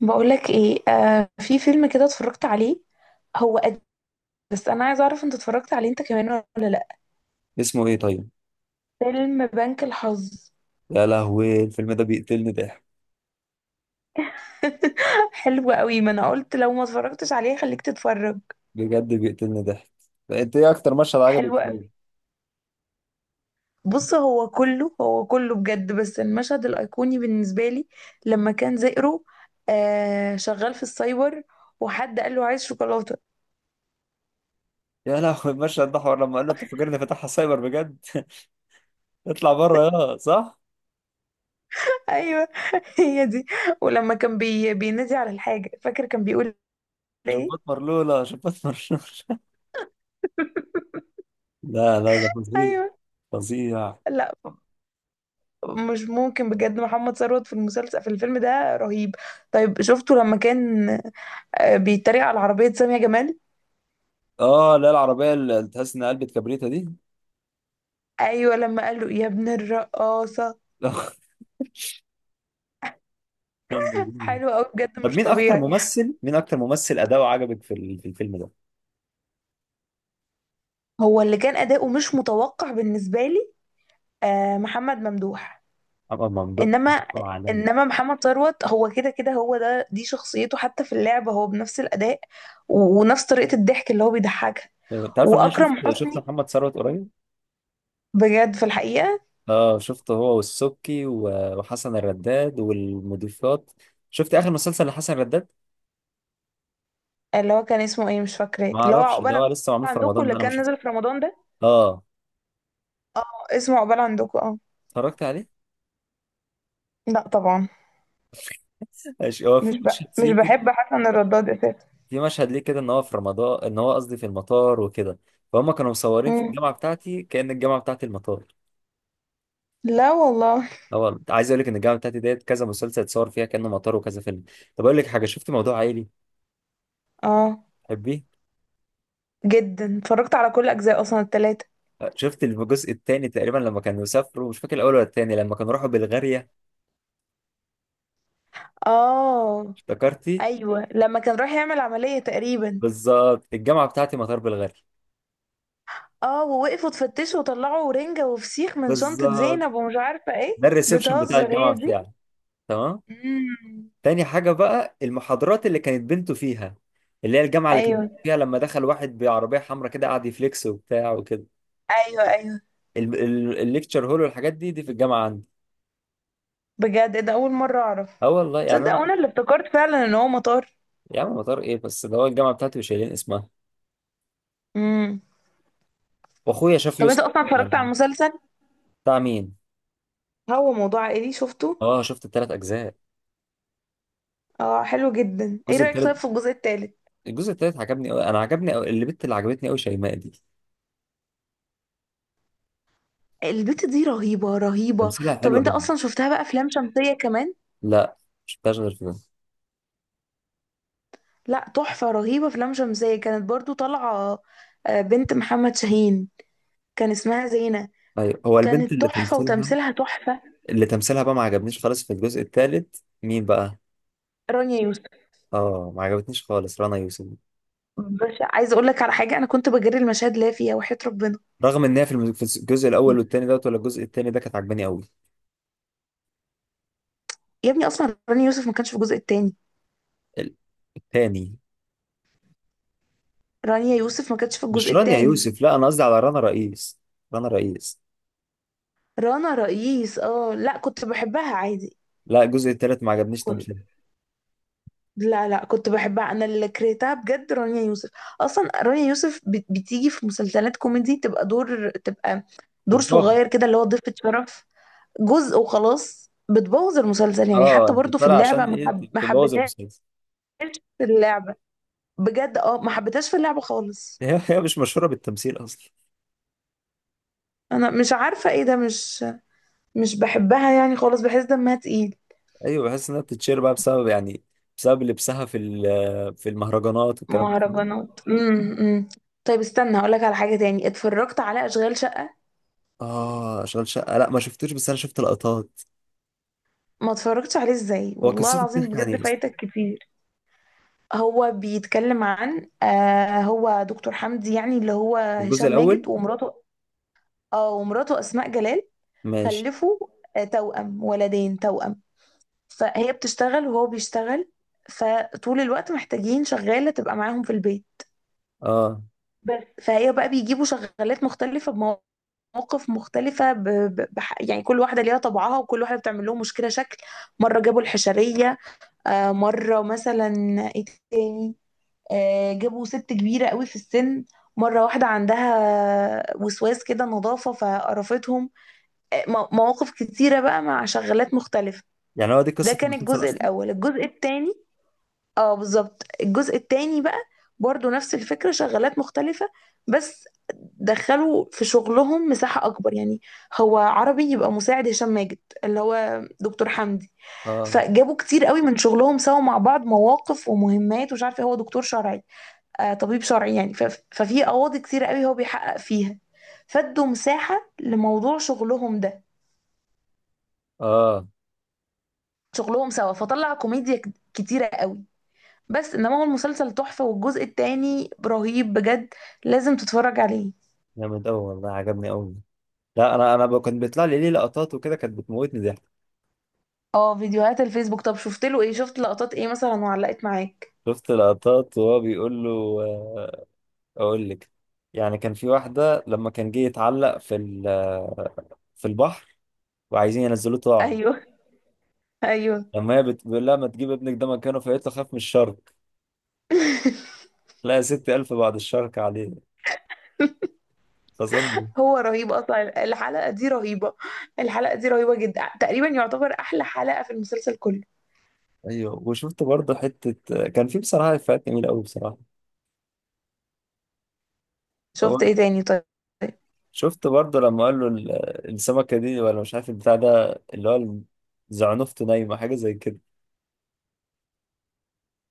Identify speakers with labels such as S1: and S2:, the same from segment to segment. S1: بقولك ايه؟ آه، في فيلم كده اتفرجت عليه، هو قديم بس انا عايزه اعرف انت اتفرجت عليه انت كمان ولا لا؟
S2: اسمه ايه طيب؟
S1: فيلم بنك الحظ.
S2: يا لهوي الفيلم ده بيقتلني ضحك.
S1: حلو قوي، ما انا قلت لو ما اتفرجتش عليه خليك تتفرج.
S2: بجد بيقتلني ضحك. انت ايه اكتر مشهد عجبك
S1: حلو قوي.
S2: فيه؟
S1: بص، هو كله بجد، بس المشهد الايقوني بالنسبه لي لما كان زئرو، آه، شغال في السايبر، وحد قال له عايز شوكولاته.
S2: يا لهوي المشهد ده حوار لما قال له انت فاكرني فاتحها سايبر بجد، اطلع بره يا صح.
S1: ايوه هي دي. ولما كان بينادي على الحاجه، فاكر كان بيقول
S2: جبات
S1: ايه؟
S2: مرلولة، جبات مرلولة. لا، لا، ده فظيع.
S1: ايوه.
S2: فظيع.
S1: مش ممكن بجد، محمد ثروت في المسلسل، في الفيلم ده رهيب. طيب شفته لما كان، آه، بيتريق على عربية سامية جمال؟
S2: اه لا، العربية اللي تحس انها قلبت كبريتة دي.
S1: ايوه، لما قال له يا ابن الرقاصة. حلو قوي بجد،
S2: طب
S1: مش
S2: مين اكتر
S1: طبيعي.
S2: ممثل، اداؤه عجبك في في الفيلم ده؟
S1: هو اللي كان اداؤه مش متوقع بالنسبة لي، آه، محمد ممدوح.
S2: محمد ممدوح
S1: انما،
S2: أداؤه عالمي.
S1: انما محمد ثروت هو كده كده، هو ده، دي شخصيته حتى في اللعبة هو بنفس الاداء ونفس طريقة الضحك اللي هو بيضحكها.
S2: طيب، انت عارف ان انا
S1: واكرم
S2: شفت
S1: حسني
S2: محمد ثروت قريب.
S1: بجد في الحقيقة.
S2: اه شفته هو والسبكي وحسن الرداد والمضيفات. شفت اخر مسلسل لحسن الرداد؟
S1: اللي هو كان اسمه ايه؟ مش فاكراه،
S2: ما
S1: اللي هو
S2: اعرفش، ده
S1: عقبال
S2: هو لسه معمول في
S1: عندكم،
S2: رمضان ده
S1: اللي
S2: انا ما
S1: كان
S2: شفته.
S1: نزل في رمضان ده.
S2: اه،
S1: اه، اسمه عقبال عندكم، اه.
S2: اتفرجت عليه.
S1: لا طبعا.
S2: ماشي، هو في
S1: مش ب...
S2: مشهد
S1: مش
S2: فيه كده،
S1: بحب حسن الرداد اساسا.
S2: في مشهد ليه كده ان هو في رمضان، ان هو قصدي في المطار وكده. فهم كانوا مصورين في
S1: مم.
S2: الجامعه بتاعتي كأن الجامعه بتاعتي المطار.
S1: لا والله.
S2: هو عايز اقول لك ان الجامعه بتاعتي ديت كذا مسلسل اتصور فيها كأنه مطار وكذا فيلم. طب اقول لك حاجه، شفت موضوع عائلي؟
S1: اه.
S2: تحبيه؟
S1: جدا، اتفرجت على كل اجزاء اصلا، التلاتة.
S2: شفت الجزء الثاني تقريبا لما كانوا سافروا، مش فاكر الاول ولا الثاني، لما كانوا راحوا بلغاريا.
S1: اه.
S2: افتكرتي؟
S1: ايوه، لما كان رايح يعمل عملية تقريبا.
S2: بالظبط، الجامعه بتاعتي مطار بالغالي.
S1: اه، ووقفوا تفتشوا وطلعوا رنجة وفسيخ من شنطة
S2: بالظبط.
S1: زينب، ومش عارفة ايه،
S2: ده الريسبشن بتاع
S1: بتهزر.
S2: الجامعه
S1: هي دي.
S2: بتاعي. تمام.
S1: مم.
S2: تاني حاجه بقى المحاضرات اللي كانت بنته فيها، اللي هي الجامعه اللي كانت
S1: ايوه،
S2: فيها لما دخل واحد بعربيه حمراء كده قعد يفليكس وبتاع وكده.
S1: ايوه. ايوه
S2: الليكتشر هول والحاجات دي، دي في الجامعه عندي.
S1: بجد، إيه ده، اول مرة اعرف.
S2: اه والله، يعني
S1: تصدق
S2: انا.
S1: وانا اللي افتكرت فعلا ان هو مطار.
S2: يا عم مطار ايه بس، ده هو الجامعه بتاعتي وشايلين اسمها.
S1: امم.
S2: واخويا شاف
S1: طب
S2: يوسف.
S1: انت اصلا اتفرجت على المسلسل؟
S2: بتاع مين؟
S1: هو موضوع عائلي شفته؟
S2: اه شفت الثلاث اجزاء.
S1: اه، حلو جدا. ايه
S2: الجزء
S1: رأيك
S2: الثالث،
S1: طيب في الجزء الثالث؟
S2: الجزء الثالث عجبني قوي، انا عجبني قوي اللي بنت، اللي عجبتني قوي شيماء دي.
S1: البت دي رهيبة، رهيبة.
S2: تمثيلها
S1: طب
S2: حلو
S1: انت
S2: قوي.
S1: اصلا شفتها بقى افلام شمسية كمان؟
S2: لا، مش غير في ده.
S1: لا، تحفة رهيبة، افلام شمسية كانت برضو طالعة، آه، بنت محمد شاهين، كان اسمها زينة.
S2: ايوه هو البنت
S1: كانت
S2: اللي
S1: تحفة
S2: تمثيلها،
S1: وتمثيلها تحفة.
S2: اللي تمثيلها بقى ما عجبنيش خالص في الجزء الثالث، مين بقى؟
S1: رانيا يوسف،
S2: اه ما عجبتنيش خالص رنا يوسف.
S1: بس عايزة اقول لك على حاجة، انا كنت بجري المشاهد اللي هي فيها، وحياة ربنا.
S2: رغم ان هي في في الجزء الاول والثاني دوت، ولا الجزء الثاني ده كانت عجباني قوي.
S1: يا ابني اصلا رانيا يوسف ما كانش في الجزء الثاني.
S2: الثاني.
S1: رانيا يوسف ما كانتش في
S2: مش
S1: الجزء
S2: رانيا
S1: التاني.
S2: يوسف، لا انا قصدي على رنا رئيس. رنا رئيس.
S1: رنا رئيس، اه، لا كنت بحبها عادي.
S2: لا الجزء الثالث ما عجبنيش
S1: كنت
S2: تمثيلها.
S1: لا لا، كنت بحبها، انا اللي كرهتها بجد رانيا يوسف. اصلا رانيا يوسف بتيجي في مسلسلات كوميدي تبقى دور، تبقى دور
S2: بتضخم.
S1: صغير كده، اللي هو ضيفة شرف جزء وخلاص، بتبوظ المسلسل يعني.
S2: اه
S1: حتى
S2: انت
S1: برضو في
S2: طالع عشان
S1: اللعبة
S2: ايه.
S1: ما
S2: تبوظ
S1: حبيتهاش.
S2: المسلسل.
S1: في اللعبة بجد، اه ما حبيتهاش في اللعبة خالص.
S2: هي مش مشهوره بالتمثيل اصلا.
S1: انا مش عارفة ايه ده، مش مش بحبها يعني خالص، بحس دمها تقيل.
S2: ايوه بحس انها بتتشير بقى بسبب، يعني بسبب لبسها في في المهرجانات الكلام ده.
S1: مهرجانات، امم. طيب استنى هقولك على حاجة تاني، اتفرجت على أشغال شقة؟
S2: اه اشغال شقه، لا ما شفتوش، بس انا شفت لقطات.
S1: ما اتفرجتش عليه؟ ازاي
S2: هو
S1: والله
S2: قصته
S1: العظيم،
S2: بتحكي عن
S1: بجد
S2: ايه اصلا؟
S1: فايتك كتير. هو بيتكلم عن، آه، هو دكتور حمدي يعني، اللي هو
S2: الجزء
S1: هشام
S2: الاول.
S1: ماجد ومراته. اه، ومراته أسماء جلال.
S2: ماشي.
S1: خلفوا، آه، توأم، ولدين توأم. فهي بتشتغل وهو بيشتغل، فطول الوقت محتاجين شغالة تبقى معاهم في البيت.
S2: اه.
S1: بس فهي بقى بيجيبوا شغالات مختلفة، مواقف مختلفة، يعني كل واحدة ليها طبعها وكل واحدة بتعمل لهم مشكلة شكل. مرة جابوا الحشرية، آه، مرة مثلا، ايه تاني، آه، جابوا ست كبيرة قوي في السن. مرة واحدة عندها وسواس كده نظافة فقرفتهم. آه، مواقف كتيرة بقى مع شغالات مختلفة.
S2: يعني هو دي
S1: ده
S2: قصه
S1: كان
S2: المسلسل
S1: الجزء
S2: اصلا؟
S1: الأول. الجزء التاني، اه بالظبط، الجزء التاني بقى برضو نفس الفكرة، شغالات مختلفة، بس دخلوا في شغلهم مساحة أكبر يعني. هو عربي يبقى مساعد هشام ماجد، اللي هو دكتور حمدي،
S2: اه.
S1: فجابوا كتير قوي من شغلهم سوا مع بعض، مواقف ومهمات، ومش عارفة، هو دكتور شرعي، آه، طبيب شرعي يعني. ففي قواضي كتير قوي هو بيحقق فيها، فادوا مساحة لموضوع شغلهم ده،
S2: اه
S1: شغلهم سوا، فطلع كوميديا كتيرة قوي. بس انما هو المسلسل تحفة، والجزء التاني رهيب بجد، لازم تتفرج عليه.
S2: جامد قوي والله، عجبني قوي. لا انا، كان بيطلع لي ليه لقطات وكده، كانت بتموتني ضحك.
S1: اه فيديوهات الفيسبوك. طب شفت له ايه؟ شفت لقطات ايه مثلا وعلقت معاك؟
S2: شفت لقطات وهو بيقول له، آه، اقول لك، يعني كان في واحده لما كان جه يتعلق في في البحر وعايزين ينزلوه طاعه.
S1: ايوه، ايوه.
S2: لما هي بتقول لها ما تجيب ابنك ده مكانه، فقالت له خاف من الشرك. لا يا ستي ألف بعد الشرك عليه. فظل.
S1: هو رهيب اصلا، الحلقة دي رهيبة، الحلقة دي رهيبة جدا، تقريبا يعتبر احلى حلقة في المسلسل كله.
S2: أيوه وشفت برضه حتة، كان في بصراحة إفيهات جميلة أوي بصراحة. هو
S1: شفت ايه تاني طيب؟
S2: شفت برضه لما قال له السمكة دي ولا مش عارف البتاع ده، اللي هو زعنفته نايمة حاجة زي كده،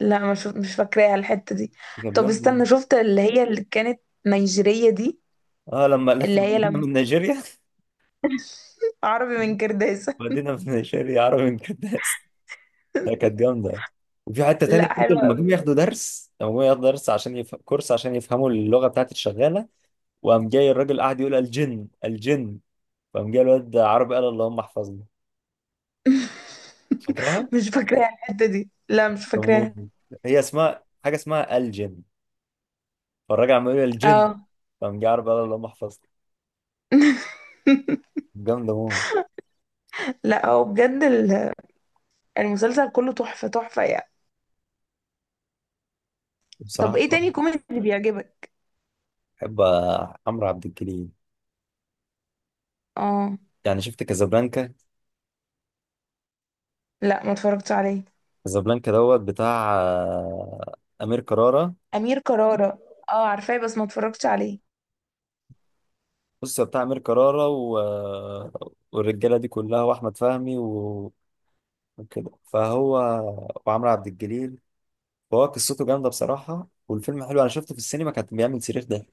S1: لا، مش فاكراها الحتة دي.
S2: كان
S1: طب
S2: بيقول.
S1: استنى، شفت اللي هي اللي كانت نيجيرية دي؟
S2: اه لما قالت
S1: اللي
S2: له
S1: هي
S2: مدينة
S1: لما
S2: من نيجيريا.
S1: عربي من كرداسة.
S2: مدينة من نيجيريا، عربي من كداس. ده كانت جامدة. وفي حتة تانية
S1: لا
S2: برضه لما جم
S1: حلوة.
S2: ياخدوا درس، لما جم ياخدوا درس عشان كورس عشان يفهموا اللغة بتاعت الشغالة. وقام جاي الراجل قاعد يقول الجن الجن، فقام جاي الواد عربي قال اللهم احفظنا. فاكرها؟
S1: مش فاكراها الحتة دي، لا مش
S2: بموت.
S1: فاكراها.
S2: هي اسمها حاجه اسمها الجن، فالراجل عمال يقول الجن،
S1: اه.
S2: فقام جاي عربي قال اللهم احفظنا. جامده موت.
S1: لا هو بجد المسلسل كله تحفة، تحفة يعني. طب
S2: بصراحه.
S1: ايه تاني كوميدي بيعجبك؟
S2: بحب عمرو عبد الجليل.
S1: اه،
S2: يعني شفت كازابلانكا؟
S1: لا ما اتفرجتش عليه.
S2: كازابلانكا دوت بتاع امير كرارة.
S1: أمير كرارة، اه عارفاه بس ما اتفرجتش عليه.
S2: بص هو بتاع امير كرارة والرجاله دي كلها واحمد فهمي وكده فهو، وعمرو عبد الجليل. فهو قصته جامده بصراحه، والفيلم حلو، انا شفته في السينما كان بيعمل صريخ ده.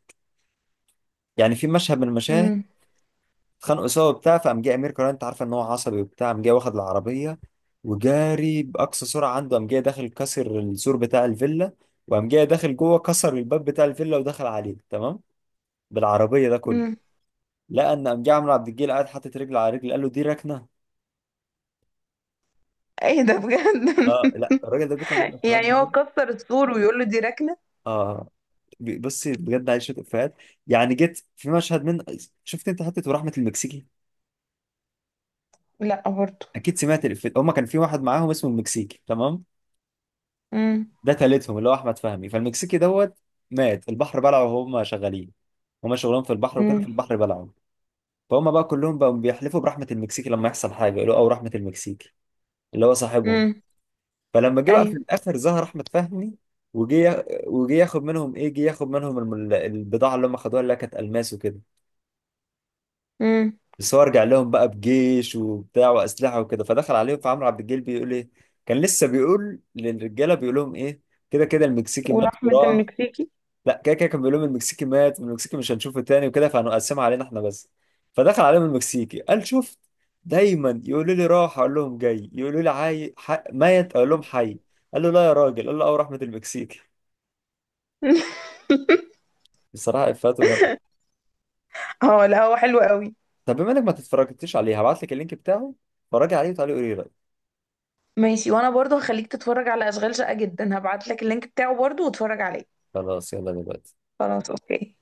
S2: يعني في مشهد من المشاهد
S1: امم.
S2: اتخانقوا سوا وبتاع، فقام جه امير كرارة، انت عارفه ان هو عصبي وبتاع، قام جه واخد العربيه وجاري باقصى سرعه عنده، قام جه داخل كسر السور بتاع الفيلا، وقام جه داخل جوه كسر الباب بتاع الفيلا ودخل عليه تمام بالعربيه ده كله.
S1: امم.
S2: لقى ان قام جه عمرو عبد الجليل قاعد حاطط رجل على رجل قال له دي ركنه.
S1: ايه ده بجد؟
S2: اه لا الراجل ده بيطلع منه افيهات
S1: يعني هو
S2: بجد.
S1: كسر السور ويقول له دي ركنة؟
S2: اه بصي بجد عايش شويه افيهات. يعني جيت في مشهد من، شفت انت حته ورحمه المكسيكي؟
S1: لا برضه.
S2: اكيد سمعت الافيه، هما كان في واحد معاهم اسمه المكسيكي تمام،
S1: امم.
S2: ده تالتهم اللي هو احمد فهمي، فالمكسيكي دوت مات، البحر بلعه وهم شغالين. هما شغلهم في البحر وكده، في
S1: امم.
S2: البحر بلعه. فهم بقى كلهم بقوا بيحلفوا برحمة المكسيكي لما يحصل حاجة يقولوا او رحمة المكسيكي، اللي هو صاحبهم.
S1: امم.
S2: فلما جه بقى في
S1: ايوه.
S2: الاخر ظهر احمد فهمي، وجه ياخد منهم ايه، جه ياخد منهم البضاعة اللي هم خدوها اللي هي كانت الماس وكده.
S1: امم.
S2: بس هو رجع لهم بقى بجيش وبتاع واسلحه وكده، فدخل عليهم، فعمرو عبد الجليل بيقول ايه، كان لسه بيقول للرجاله، بيقول لهم ايه، كده كده المكسيكي مات
S1: ورحمة
S2: وراح.
S1: المكسيكي.
S2: لا كده كده كان بيقول لهم المكسيكي مات، المكسيكي مش هنشوفه تاني وكده فهنقسمها علينا احنا بس. فدخل عليهم المكسيكي قال شفت، دايما يقولوا لي راح اقول لهم جاي، يقولوا لي ميت اقول لهم حي. قال له لا يا راجل، قال له اه رحمه المكسيكي. بصراحه افاته جامده.
S1: اه لا هو حلو قوي.
S2: طب بما انك ما تتفرجتش عليه هبعت لك اللينك بتاعه، اتفرج عليه وتعالى قولي رايك.
S1: ماشي، وانا برضو هخليك تتفرج على اشغال شقة، جدا هبعت لك اللينك بتاعه برضو، واتفرج عليه.
S2: خلاص يلا دلوقتي.
S1: خلاص، اوكي.